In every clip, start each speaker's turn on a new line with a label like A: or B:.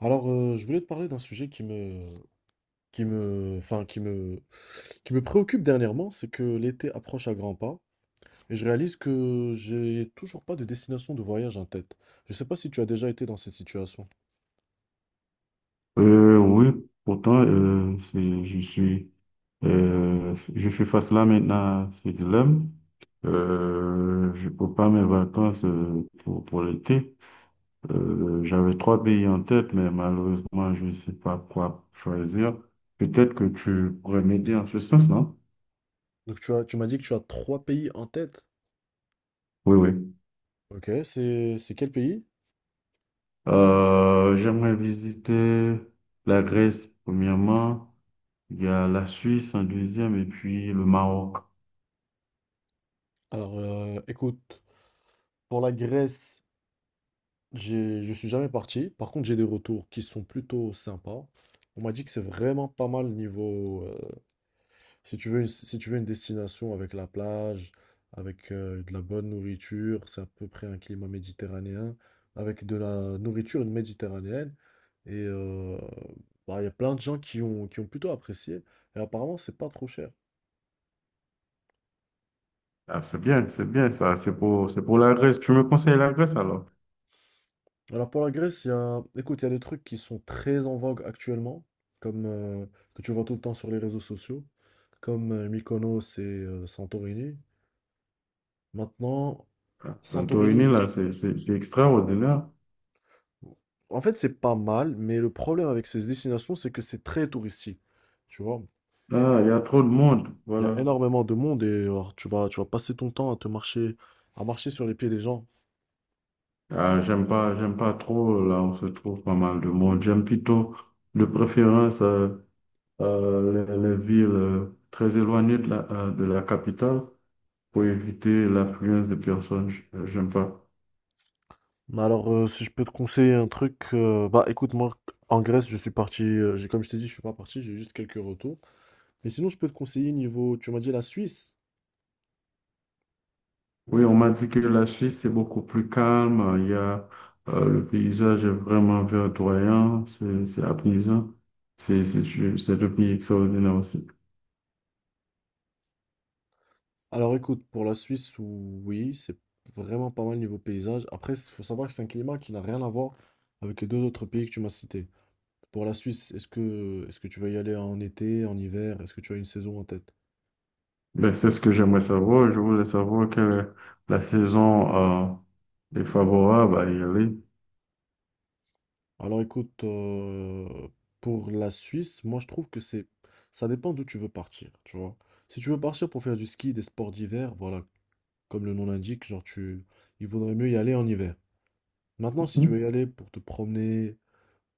A: Je voulais te parler d'un sujet qui me, enfin, qui me préoccupe dernièrement. C'est que l'été approche à grands pas et je réalise que j'ai toujours pas de destination de voyage en tête. Je sais pas si tu as déjà été dans cette situation.
B: Oui, pourtant, je suis face là maintenant à ce dilemme. Je peux pas mes vacances pour l'été. J'avais trois pays en tête, mais malheureusement, je ne sais pas quoi choisir. Peut-être que tu pourrais m'aider en ce sens, non?
A: Donc, tu m'as dit que tu as trois pays en tête.
B: Oui, oui.
A: Ok, c'est quel pays?
B: J'aimerais visiter la Grèce, premièrement. Il y a la Suisse en deuxième et puis le Maroc.
A: Alors, écoute, pour la Grèce, je suis jamais parti. Par contre, j'ai des retours qui sont plutôt sympas. On m'a dit que c'est vraiment pas mal niveau, euh. Si tu veux une destination avec la plage, avec de la bonne nourriture, c'est à peu près un climat méditerranéen, avec de la nourriture méditerranéenne. Et bah, il y a plein de gens qui ont plutôt apprécié. Et apparemment, c'est pas trop cher.
B: Ah, c'est bien ça. C'est pour la Grèce. Tu me conseilles la Grèce alors?
A: Alors pour la Grèce, il y a, écoute, il y a des trucs qui sont très en vogue actuellement, comme que tu vois tout le temps sur les réseaux sociaux, comme Mykonos et Santorini. Maintenant,
B: Ah, Santorini,
A: Santorini,
B: là, c'est extraordinaire.
A: en fait, c'est pas mal, mais le problème avec ces destinations, c'est que c'est très touristique. Tu vois,
B: Ah, il y a trop de monde.
A: il y a
B: Voilà.
A: énormément de monde et alors, tu vas passer ton temps à te marcher, à marcher sur les pieds des gens.
B: Ah, j'aime pas trop. Là, on se trouve pas mal de monde. J'aime plutôt, de préférence, les villes très éloignées de la capitale pour éviter l'affluence de personnes. J'aime pas.
A: Mais alors, si je peux te conseiller un truc, bah écoute, moi, en Grèce, je suis parti, j'ai, comme je t'ai dit, je suis pas parti, j'ai juste quelques retours. Mais sinon, je peux te conseiller niveau, tu m'as dit la Suisse.
B: Oui, on m'a dit que la Suisse, c'est beaucoup plus calme. Il y a, le paysage est vraiment verdoyant, c'est apaisant. C'est c'est c'est un pays extraordinaire aussi.
A: Alors écoute, pour la Suisse, oui, c'est vraiment pas mal niveau paysage. Après, il faut savoir que c'est un climat qui n'a rien à voir avec les deux autres pays que tu m'as cités. Pour la Suisse, est-ce que tu vas y aller en été, en hiver? Est-ce que tu as une saison en tête?
B: Ben, c'est ce que j'aimerais savoir. Je voulais savoir quelle est la saison est favorable à y aller.
A: Alors écoute, pour la Suisse, moi je trouve que c'est, ça dépend d'où tu veux partir, tu vois. Si tu veux partir pour faire du ski, des sports d'hiver, voilà, comme le nom l'indique, il vaudrait mieux y aller en hiver. Maintenant, si tu
B: Mhm.
A: veux y aller pour te promener,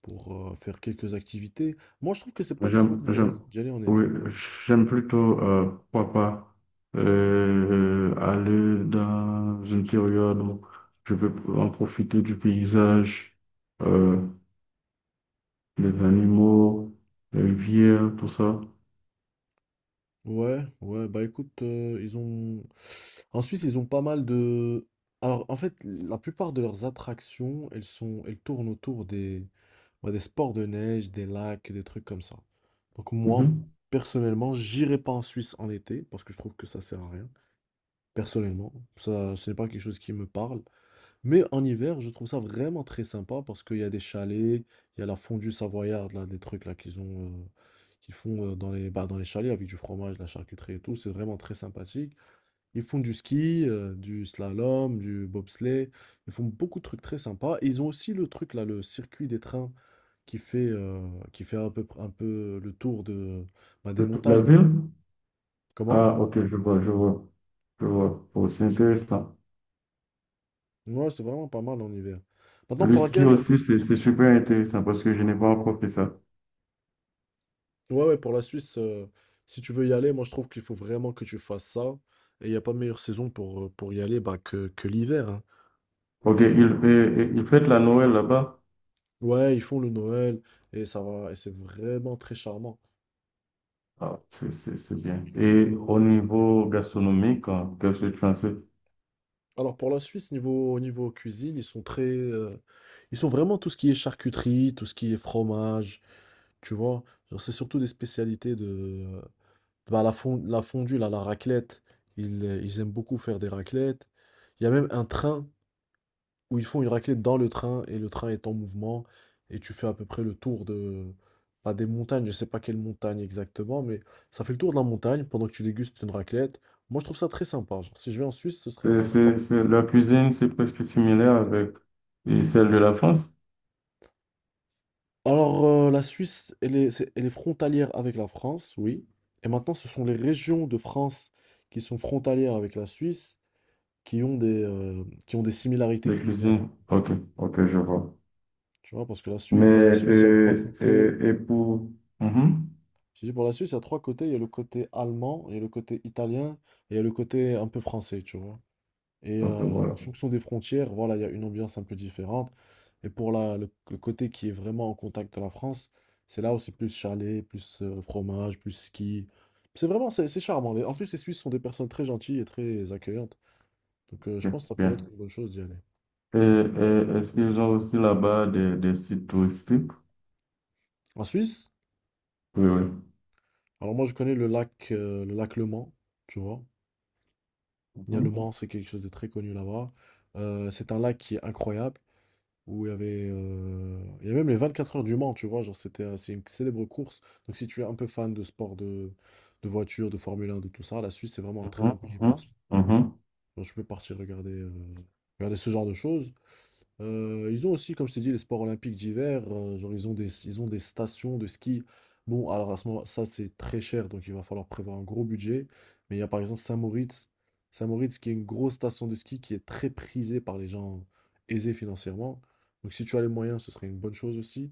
A: pour faire quelques activités, moi je trouve que c'est pas très
B: J'aime, j'aime,
A: intéressant d'y aller en
B: oui,
A: été.
B: j'aime plutôt, pourquoi pas, aller dans une période où je peux en profiter du paysage. euh, les animaux, les vieux, tout ça.
A: Ouais, ouais, bah écoute, ils ont… En Suisse, ils ont pas mal de… Alors, en fait, la plupart de leurs attractions, elles sont… elles tournent autour des… bah, des sports de neige, des lacs, des trucs comme ça. Donc moi,
B: Mhm.
A: personnellement, j'irai pas en Suisse en été, parce que je trouve que ça sert à rien. Personnellement, ça, ce n'est pas quelque chose qui me parle. Mais en hiver, je trouve ça vraiment très sympa parce qu'il y a des chalets, il y a la fondue savoyarde, là, des trucs là qu'ils ont, qu'ils font dans les, bah, dans les chalets avec du fromage, de la charcuterie et tout. C'est vraiment très sympathique. Ils font du ski, du slalom, du bobsleigh. Ils font beaucoup de trucs très sympas. Et ils ont aussi le truc là, le circuit des trains qui fait, euh, qui fait un peu le tour de, bah, des
B: De toute la
A: montagnes.
B: ville?
A: Comment?
B: Ah, ok, je vois. Oh, c'est intéressant.
A: Ouais, c'est vraiment pas mal en hiver. Maintenant,
B: Le
A: pour la
B: ski
A: dernière.
B: aussi, c'est super intéressant parce que je n'ai pas encore fait ça.
A: Ouais, ouais, pour la Suisse, si tu veux y aller, moi je trouve qu'il faut vraiment que tu fasses ça. Et il n'y a pas meilleure saison pour y aller bah, que l'hiver, hein.
B: Ok, il fête la Noël là-bas.
A: Ouais, ils font le Noël et ça va, et c'est vraiment très charmant.
B: Ah, c'est bien. Et au niveau gastronomique, hein, qu'est-ce que tu pensais?
A: Alors pour la Suisse, niveau cuisine, ils sont très, ils sont vraiment tout ce qui est charcuterie, tout ce qui est fromage, tu vois. Genre, c'est surtout des spécialités de, bah, la la fondue, là, la raclette. Ils, ils aiment beaucoup faire des raclettes. Il y a même un train où ils font une raclette dans le train et le train est en mouvement et tu fais à peu près le tour de pas des montagnes, je sais pas quelle montagne exactement, mais ça fait le tour de la montagne pendant que tu dégustes une raclette. Moi, je trouve ça très sympa. Genre, si je vais en Suisse, ce serait ça fera-
B: La cuisine, c'est presque similaire avec et celle de la France,
A: Alors, la Suisse, elle est frontalière avec la France, oui. Et maintenant, ce sont les régions de France qui sont frontalières avec la Suisse qui ont des similarités
B: les
A: culinaires.
B: cuisines. Ok, ok, je vois.
A: Tu vois, parce que la
B: Mais,
A: Suisse, dans la Suisse, il y a trois côtés.
B: et pour... Mhm.
A: Tu dis, pour la Suisse, il y a trois côtés. Il y a le côté allemand, il y a le côté italien, et il y a le côté un peu français, tu vois. Et
B: Ok,
A: en
B: voilà.
A: fonction des frontières, voilà, il y a une ambiance un peu différente. Et pour le côté qui est vraiment en contact de la France, c'est là où c'est plus chalet, plus fromage, plus ski. C'est vraiment, c'est charmant. En plus, les Suisses sont des personnes très gentilles et très accueillantes. Donc, je
B: Ok,
A: pense que ça pourrait être
B: bien.
A: une bonne chose d'y aller.
B: Et est-ce qu'ils ont aussi là-bas des sites touristiques?
A: En Suisse,
B: Oui, oui.
A: alors moi, je connais le lac, le lac Le Mans, tu vois. Il y a le
B: Mhm,
A: Mans, c'est quelque chose de très connu là-bas. C'est un lac qui est incroyable, où il y avait, il y a même les 24 heures du Mans, tu vois, c'est une célèbre course. Donc si tu es un peu fan de sport, de voiture, de Formule 1, de tout ça, la Suisse, c'est vraiment un très
B: mhm,
A: bon pays pour
B: mhm,
A: ça.
B: mhm.
A: Donc, tu peux partir regarder, regarder ce genre de choses. Ils ont aussi, comme je t'ai dit, les sports olympiques d'hiver, genre, ils ont des stations de ski. Bon, alors à ce moment, ça c'est très cher, donc il va falloir prévoir un gros budget. Mais il y a par exemple Saint-Moritz, Saint-Moritz qui est une grosse station de ski qui est très prisée par les gens aisés financièrement. Donc si tu as les moyens, ce serait une bonne chose aussi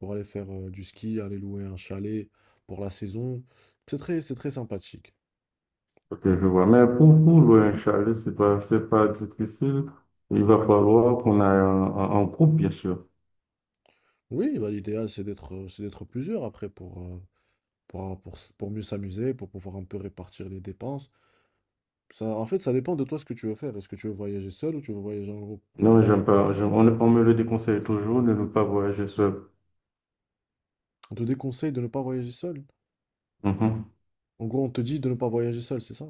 A: pour aller faire du ski, aller louer un chalet pour la saison. C'est très sympathique.
B: Ok, je vois. Mais pour louer un chalet, c'est pas difficile. Il va falloir qu'on aille en, en groupe, bien sûr.
A: Oui, bah, l'idéal c'est d'être plusieurs après pour, pour mieux s'amuser, pour pouvoir un peu répartir les dépenses. Ça, en fait, ça dépend de toi ce que tu veux faire. Est-ce que tu veux voyager seul ou tu veux voyager en groupe?
B: Non, j'aime pas. On me le déconseille toujours de ne pas voyager seul.
A: On te déconseille de ne pas voyager seul.
B: Mhm.
A: En gros, on te dit de ne pas voyager seul, c'est ça?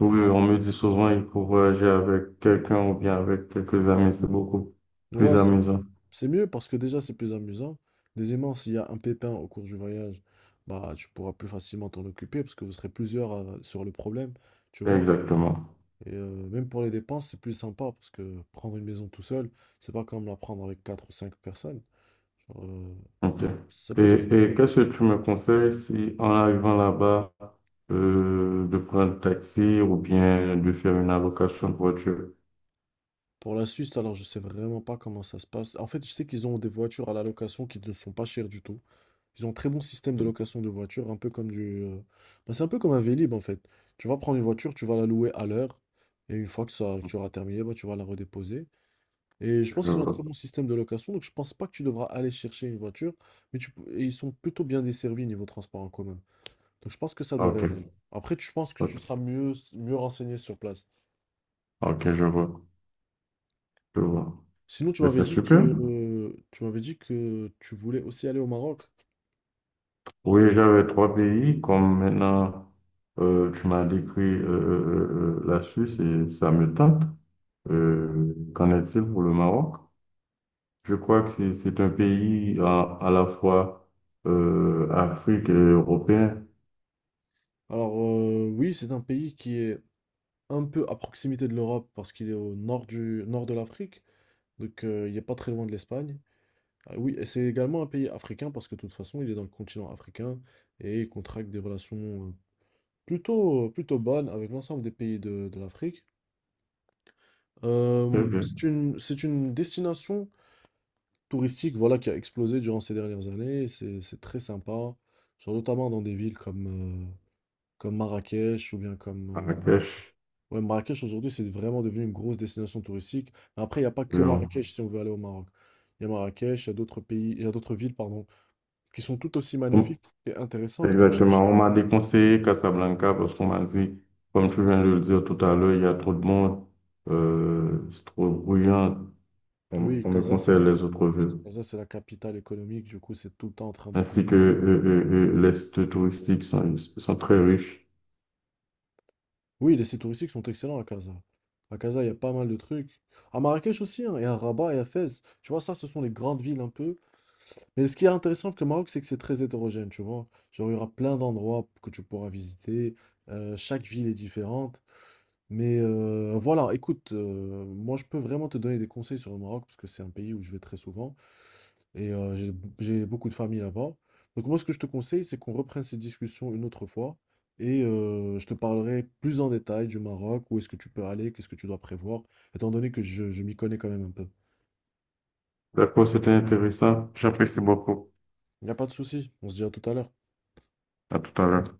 B: Oui, on me dit souvent il faut voyager avec quelqu'un ou bien avec quelques amis. C'est beaucoup plus
A: Ouais, c'est
B: amusant.
A: c'est mieux parce que déjà, c'est plus amusant. Deuxièmement, s'il y a un pépin au cours du voyage, bah, tu pourras plus facilement t'en occuper parce que vous serez plusieurs à- sur le problème, tu vois?
B: Exactement.
A: Et même pour les dépenses, c'est plus sympa parce que prendre une maison tout seul, c'est pas comme la prendre avec quatre ou cinq personnes. Genre,
B: Ok.
A: ça
B: Et,
A: peut être.
B: et qu'est-ce que tu me conseilles si en arrivant là-bas, de prendre un taxi ou bien de faire une allocation de voiture?
A: Pour la Suisse, alors je sais vraiment pas comment ça se passe. En fait, je sais qu'ils ont des voitures à la location qui ne sont pas chères du tout. Ils ont un très bon système de location de voitures, un peu comme du, bah, c'est un peu comme un Vélib en fait. Tu vas prendre une voiture, tu vas la louer à l'heure, et une fois que, que tu auras terminé, bah, tu vas la redéposer. Et je pense
B: Je
A: qu'ils ont un très
B: vois.
A: bon système de location, donc je pense pas que tu devras aller chercher une voiture, mais et ils sont plutôt bien desservis niveau transport en commun. Donc je pense que ça
B: Ah,
A: devrait aller.
B: ok,
A: Après, je pense que tu
B: ok,
A: seras mieux, mieux renseigné sur place.
B: ok, je vois.
A: Sinon,
B: Mais c'est super.
A: Tu m'avais dit que tu voulais aussi aller au Maroc.
B: Oui, j'avais trois pays, comme maintenant tu m'as décrit la Suisse et ça me tente. Qu'en est-il pour le Maroc? Je crois que c'est un pays à la fois Afrique et européen.
A: Alors oui, c'est un pays qui est un peu à proximité de l'Europe parce qu'il est au nord du nord de l'Afrique, donc il n'est pas très loin de l'Espagne. Ah oui, et c'est également un pays africain parce que de toute façon, il est dans le continent africain et il contracte des relations plutôt bonnes avec l'ensemble des pays de l'Afrique.
B: Très bien.
A: C'est une destination touristique voilà, qui a explosé durant ces dernières années, et c'est très sympa, genre notamment dans des villes comme, comme Marrakech ou bien comme…
B: Marrakech.
A: ouais, Marrakech aujourd'hui, c'est vraiment devenu une grosse destination touristique. Mais après, il n'y a pas que
B: euh,
A: Marrakech si on veut aller au Maroc. Il y a Marrakech, il y a d'autres pays, il y a d'autres villes, pardon, qui sont tout aussi
B: on-
A: magnifiques et intéressantes, comme
B: Exactement.
A: Chefchaouen.
B: On m'a déconseillé Casablanca parce qu'on m'a dit, comme tu viens de le dire tout à l'heure, il y a trop de monde, c'est trop bruyant. On,
A: Oui,
B: on me conseille les autres villes.
A: Casa, c'est la capitale économique, du coup, c'est tout le temps en train de
B: Ainsi que
A: grouiller.
B: les sites touristiques sont très riches.
A: Oui, les sites touristiques sont excellents à Casa. À Casa, il y a pas mal de trucs. À Marrakech aussi, hein, et à Rabat et à Fès. Tu vois, ça, ce sont les grandes villes un peu. Mais ce qui est intéressant avec le Maroc, c'est que c'est très hétérogène, tu vois. Genre, il y aura plein d'endroits que tu pourras visiter, chaque ville est différente. Mais voilà, écoute, moi, je peux vraiment te donner des conseils sur le Maroc parce que c'est un pays où je vais très souvent et j'ai beaucoup de famille là-bas. Donc moi, ce que je te conseille, c'est qu'on reprenne cette discussion une autre fois et je te parlerai plus en détail du Maroc, où est-ce que tu peux aller, qu'est-ce que tu dois prévoir, étant donné que je m'y connais quand même un peu.
B: D'accord, c'était intéressant. J'apprécie beaucoup.
A: Il n'y a pas de souci, on se dit à tout à l'heure.
B: À tout à l'heure.